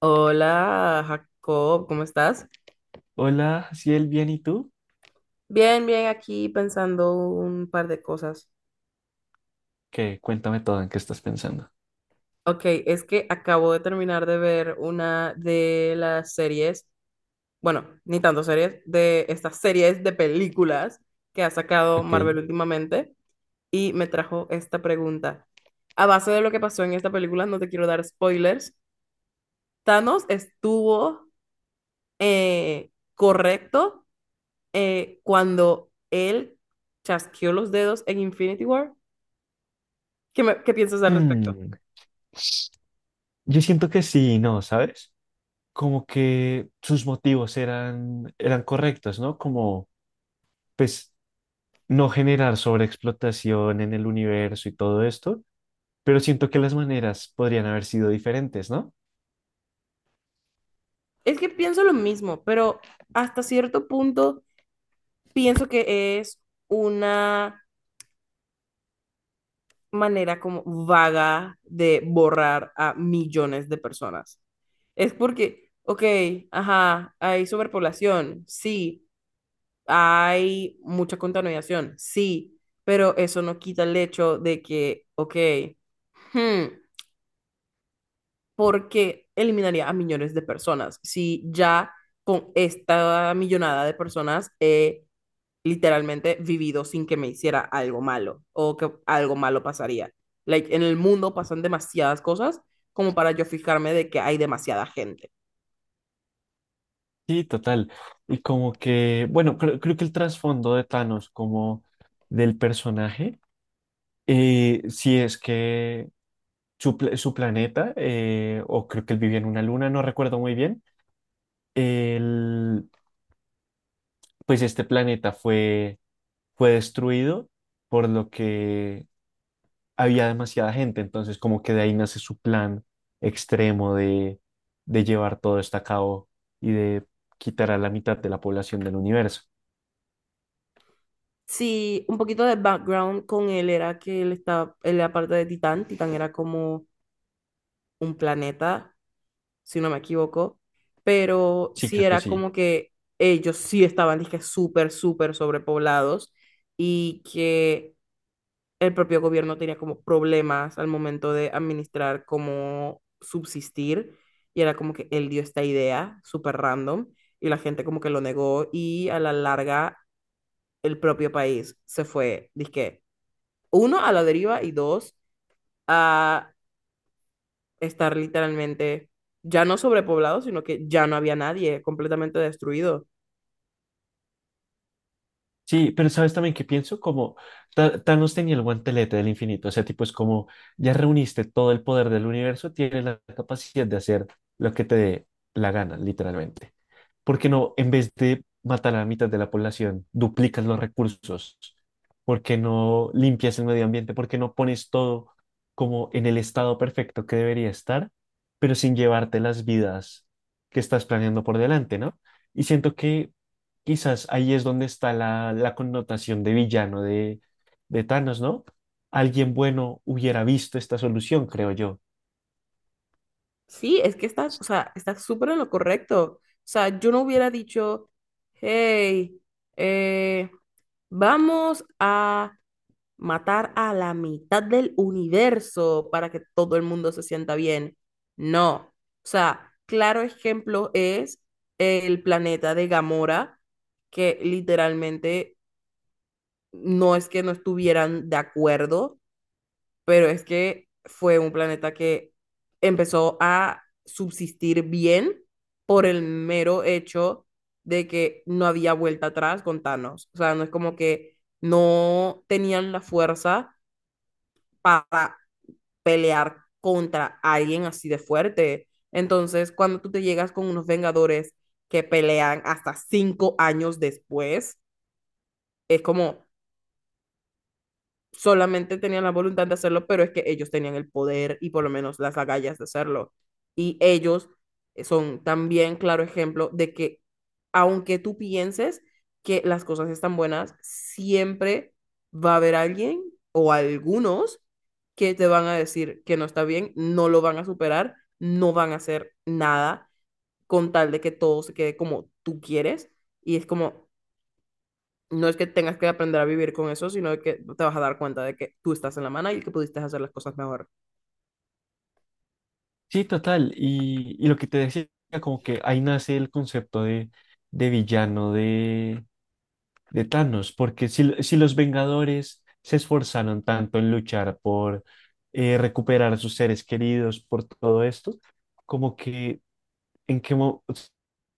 Hola, Jacob, ¿cómo estás? Hola, Ciel, bien, ¿y tú? Bien, bien, aquí pensando un par de cosas. ¿Qué? Cuéntame todo, ¿en qué estás pensando? Ok, es que acabo de terminar de ver una de las series, bueno, ni tanto series, de estas series de películas que ha sacado Marvel Ok, últimamente y me trajo esta pregunta. A base de lo que pasó en esta película, no te quiero dar spoilers, Thanos estuvo correcto cuando él chasqueó los dedos en Infinity War. ¿Qué piensas al respecto? Hmm, yo siento que sí, ¿no? ¿Sabes? Como que sus motivos eran correctos, ¿no? Como, pues, no generar sobreexplotación en el universo y todo esto, pero siento que las maneras podrían haber sido diferentes, ¿no? Es que pienso lo mismo, pero hasta cierto punto pienso que es una manera como vaga de borrar a millones de personas. Es porque, ok, ajá, hay sobrepoblación, sí, hay mucha contaminación, sí, pero eso no quita el hecho de que, ok, hmm, porque eliminaría a millones de personas. Si ya con esta millonada de personas he literalmente vivido sin que me hiciera algo malo o que algo malo pasaría. Like, en el mundo pasan demasiadas cosas como para yo fijarme de que hay demasiada gente. Sí, total. Y como que, bueno, creo que el trasfondo de Thanos como del personaje, sí es que su planeta, o creo que él vivía en una luna, no recuerdo muy bien. El- pues este planeta fue destruido, por lo que había demasiada gente, entonces como que de ahí nace su plan extremo de llevar todo esto a cabo y de quitar a la mitad de la población del universo. Sí, un poquito de background con él era que él estaba, él era parte de Titán. Titán era como un planeta si no me equivoco, pero Sí, sí creo que era sí. como que ellos sí estaban, dije, súper, súper sobrepoblados y que el propio gobierno tenía como problemas al momento de administrar cómo subsistir y era como que él dio esta idea súper random y la gente como que lo negó y a la larga el propio país se fue, dije, uno, a la deriva y dos, a estar literalmente ya no sobrepoblado, sino que ya no había nadie, completamente destruido. Sí, pero sabes también que pienso como Thanos tenía el guantelete del infinito. Ese tipo es como, ya reuniste todo el poder del universo, tienes la capacidad de hacer lo que te dé la gana, literalmente. ¿Por qué no, en vez de matar a la mitad de la población, duplicas los recursos? ¿Por qué no limpias el medio ambiente? ¿Por qué no pones todo como en el estado perfecto que debería estar, pero sin llevarte las vidas que estás planeando por delante, ¿no? Y siento que quizás ahí es donde está la connotación de villano de Thanos, ¿no? Alguien bueno hubiera visto esta solución, creo yo. Sí, es que estás, o sea, estás súper en lo correcto. O sea, yo no hubiera dicho, hey, eh, vamos a matar a la mitad del universo para que todo el mundo se sienta bien. No. O sea, claro ejemplo es el planeta de Gamora, que literalmente no es que no estuvieran de acuerdo pero es que fue un planeta que empezó a subsistir bien por el mero hecho de que no había vuelta atrás con Thanos. O sea, no es como que no tenían la fuerza para pelear contra alguien así de fuerte. Entonces, cuando tú te llegas con unos Vengadores que pelean hasta 5 años después, es como, solamente tenían la voluntad de hacerlo, pero es que ellos tenían el poder y por lo menos las agallas de hacerlo. Y ellos son también claro ejemplo de que aunque tú pienses que las cosas están buenas, siempre va a haber alguien o algunos que te van a decir que no está bien, no lo van a superar, no van a hacer nada con tal de que todo se quede como tú quieres. Y es como, no es que tengas que aprender a vivir con eso, sino que te vas a dar cuenta de que tú estás en la mano y que pudiste hacer las cosas mejor. Sí, total. Y lo que te decía, como que ahí nace el concepto de villano de Thanos, porque si, si los Vengadores se esforzaron tanto en luchar por recuperar a sus seres queridos, por todo esto, como que en qué o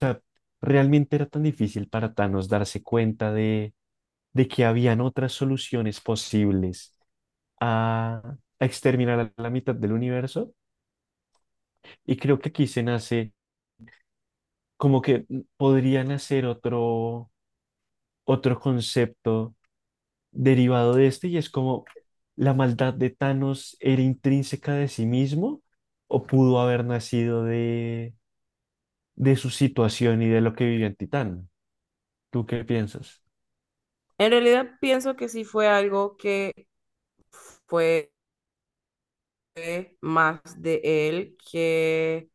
sea, realmente era tan difícil para Thanos darse cuenta de que habían otras soluciones posibles a exterminar a la mitad del universo. Y creo que aquí se nace, como que podría nacer otro concepto derivado de este, y es como, la maldad de Thanos era intrínseca de sí mismo o pudo haber nacido de su situación y de lo que vivió en Titán. ¿Tú qué piensas? En realidad pienso que sí fue algo que fue más de él que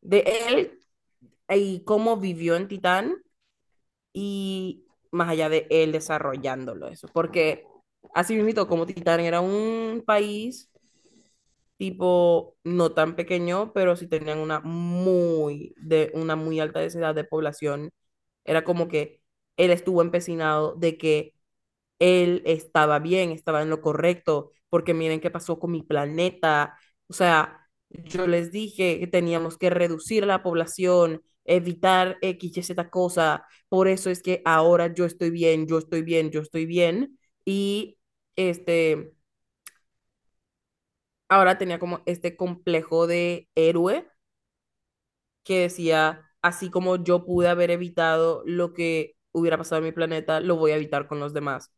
de él y cómo vivió en Titán y más allá de él desarrollándolo eso, porque así mismo como Titán era un país tipo no tan pequeño, pero sí tenían una muy, de, una muy alta densidad de población. Era como que él estuvo empecinado de que él estaba bien, estaba en lo correcto, porque miren qué pasó con mi planeta. O sea, yo les dije que teníamos que reducir la población, evitar X y Z cosa. Por eso es que ahora yo estoy bien, yo estoy bien, yo estoy bien. Y este ahora tenía como este complejo de héroe que decía, así como yo pude haber evitado lo que hubiera pasado en mi planeta, lo voy a evitar con los demás.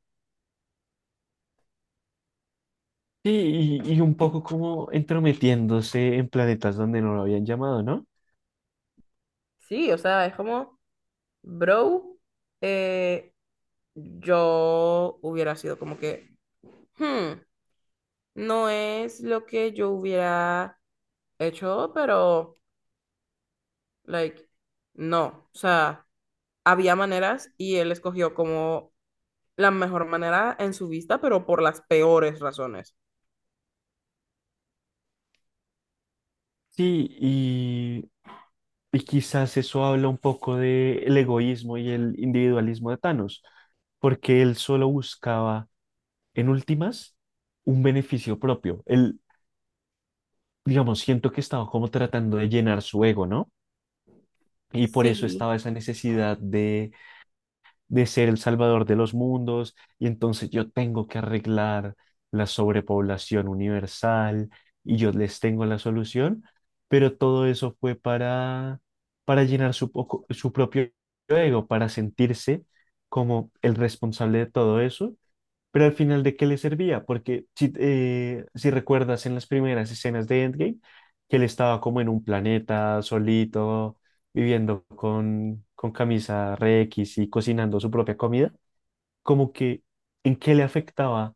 Sí, y un poco como entrometiéndose en planetas donde no lo habían llamado, ¿no? Sí, o sea, es como, bro, eh, yo hubiera sido como que, "Hmm, no es lo que yo hubiera hecho, pero, like, no, o sea, había maneras y él escogió como la mejor manera en su vista, pero por las peores razones. Sí, y quizás eso habla un poco del egoísmo y el individualismo de Thanos, porque él solo buscaba, en últimas, un beneficio propio. Él, digamos, siento que estaba como tratando de llenar su ego, ¿no? Y por eso Sí. estaba esa necesidad de ser el salvador de los mundos, y entonces, yo tengo que arreglar la sobrepoblación universal y yo les tengo la solución, pero todo eso fue para llenar su propio ego, para sentirse como el responsable de todo eso, pero al final, ¿de qué le servía? Porque si, si recuerdas en las primeras escenas de Endgame, que él estaba como en un planeta solito, viviendo con camisa re X y cocinando su propia comida, como que, ¿en qué le afectaba,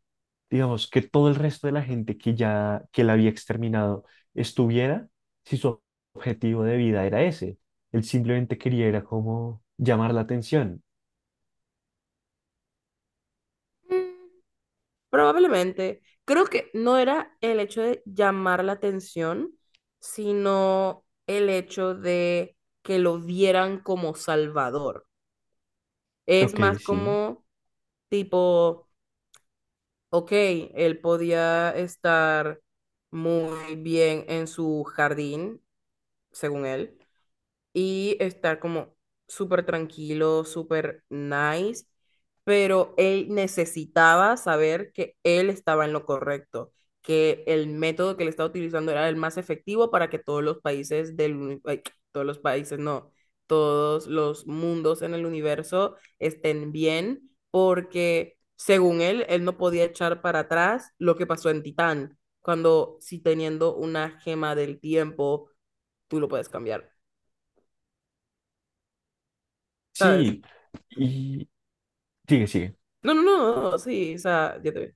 digamos, que todo el resto de la gente que la había exterminado estuviera, si su objetivo de vida era ese? Él simplemente quería era como llamar la atención. Mm, probablemente. Creo que no era el hecho de llamar la atención, sino el hecho de que lo vieran como salvador. Es Ok, más sí. como tipo, ok, él podía estar muy bien en su jardín, según él, y estar como súper tranquilo, súper nice, pero él necesitaba saber que él estaba en lo correcto, que el método que él estaba utilizando era el más efectivo para que todos los países del, uni- ay, todos los países, no, todos los mundos en el universo estén bien, porque según él, él no podía echar para atrás lo que pasó en Titán, cuando si teniendo una gema del tiempo, tú lo puedes cambiar. ¿Sabes? Sí, y sigue, sigue. No, no, no, sí, o sea, ya te vi.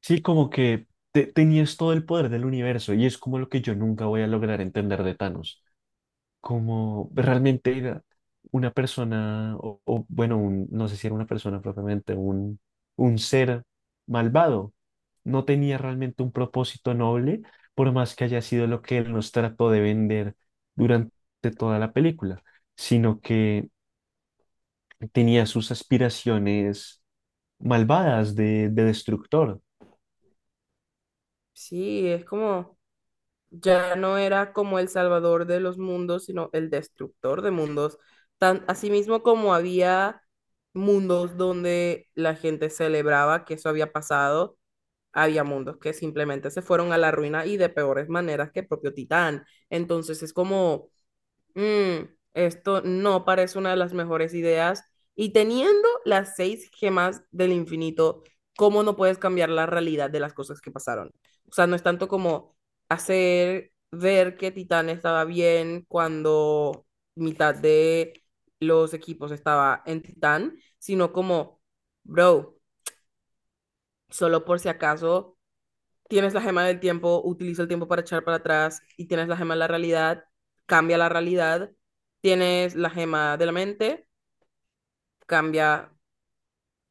Sí, como que tenías todo el poder del universo, y es como lo que yo nunca voy a lograr entender de Thanos. Como realmente era una persona, o, bueno, no sé si era una persona propiamente, un ser malvado. No tenía realmente un propósito noble, por más que haya sido lo que él nos trató de vender durante toda la película, sino que tenía sus aspiraciones malvadas de destructor. Sí, es como, ya no era como el salvador de los mundos, sino el destructor de mundos. Tan, mismo como había mundos donde la gente celebraba que eso había pasado, había mundos que simplemente se fueron a la ruina y de peores maneras que el propio Titán. Entonces es como, Mm, esto no parece una de las mejores ideas. Y teniendo las 6 gemas del infinito, ¿cómo no puedes cambiar la realidad de las cosas que pasaron? O sea, no es tanto como hacer ver que Titán estaba bien cuando mitad de los equipos estaba en Titán, sino como, bro, solo por si acaso tienes la gema del tiempo, utiliza el tiempo para echar para atrás y tienes la gema de la realidad, cambia la realidad, tienes la gema de la mente, cambia,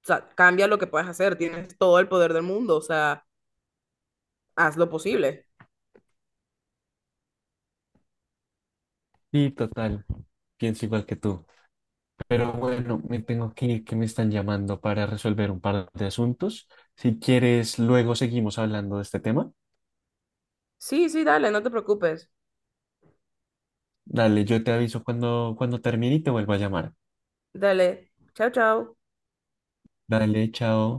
o sea, cambia lo que puedes hacer, tienes todo el poder del mundo, o sea, haz lo posible. Sí, total, pienso igual que tú. Pero bueno, me tengo que ir, que me están llamando para resolver un par de asuntos. Si quieres, luego seguimos hablando de este tema. Sí, sí, dale, no te preocupes. Dale, yo te aviso cuando termine y te vuelvo a llamar. Dale. Chao, chao. Dale, chao.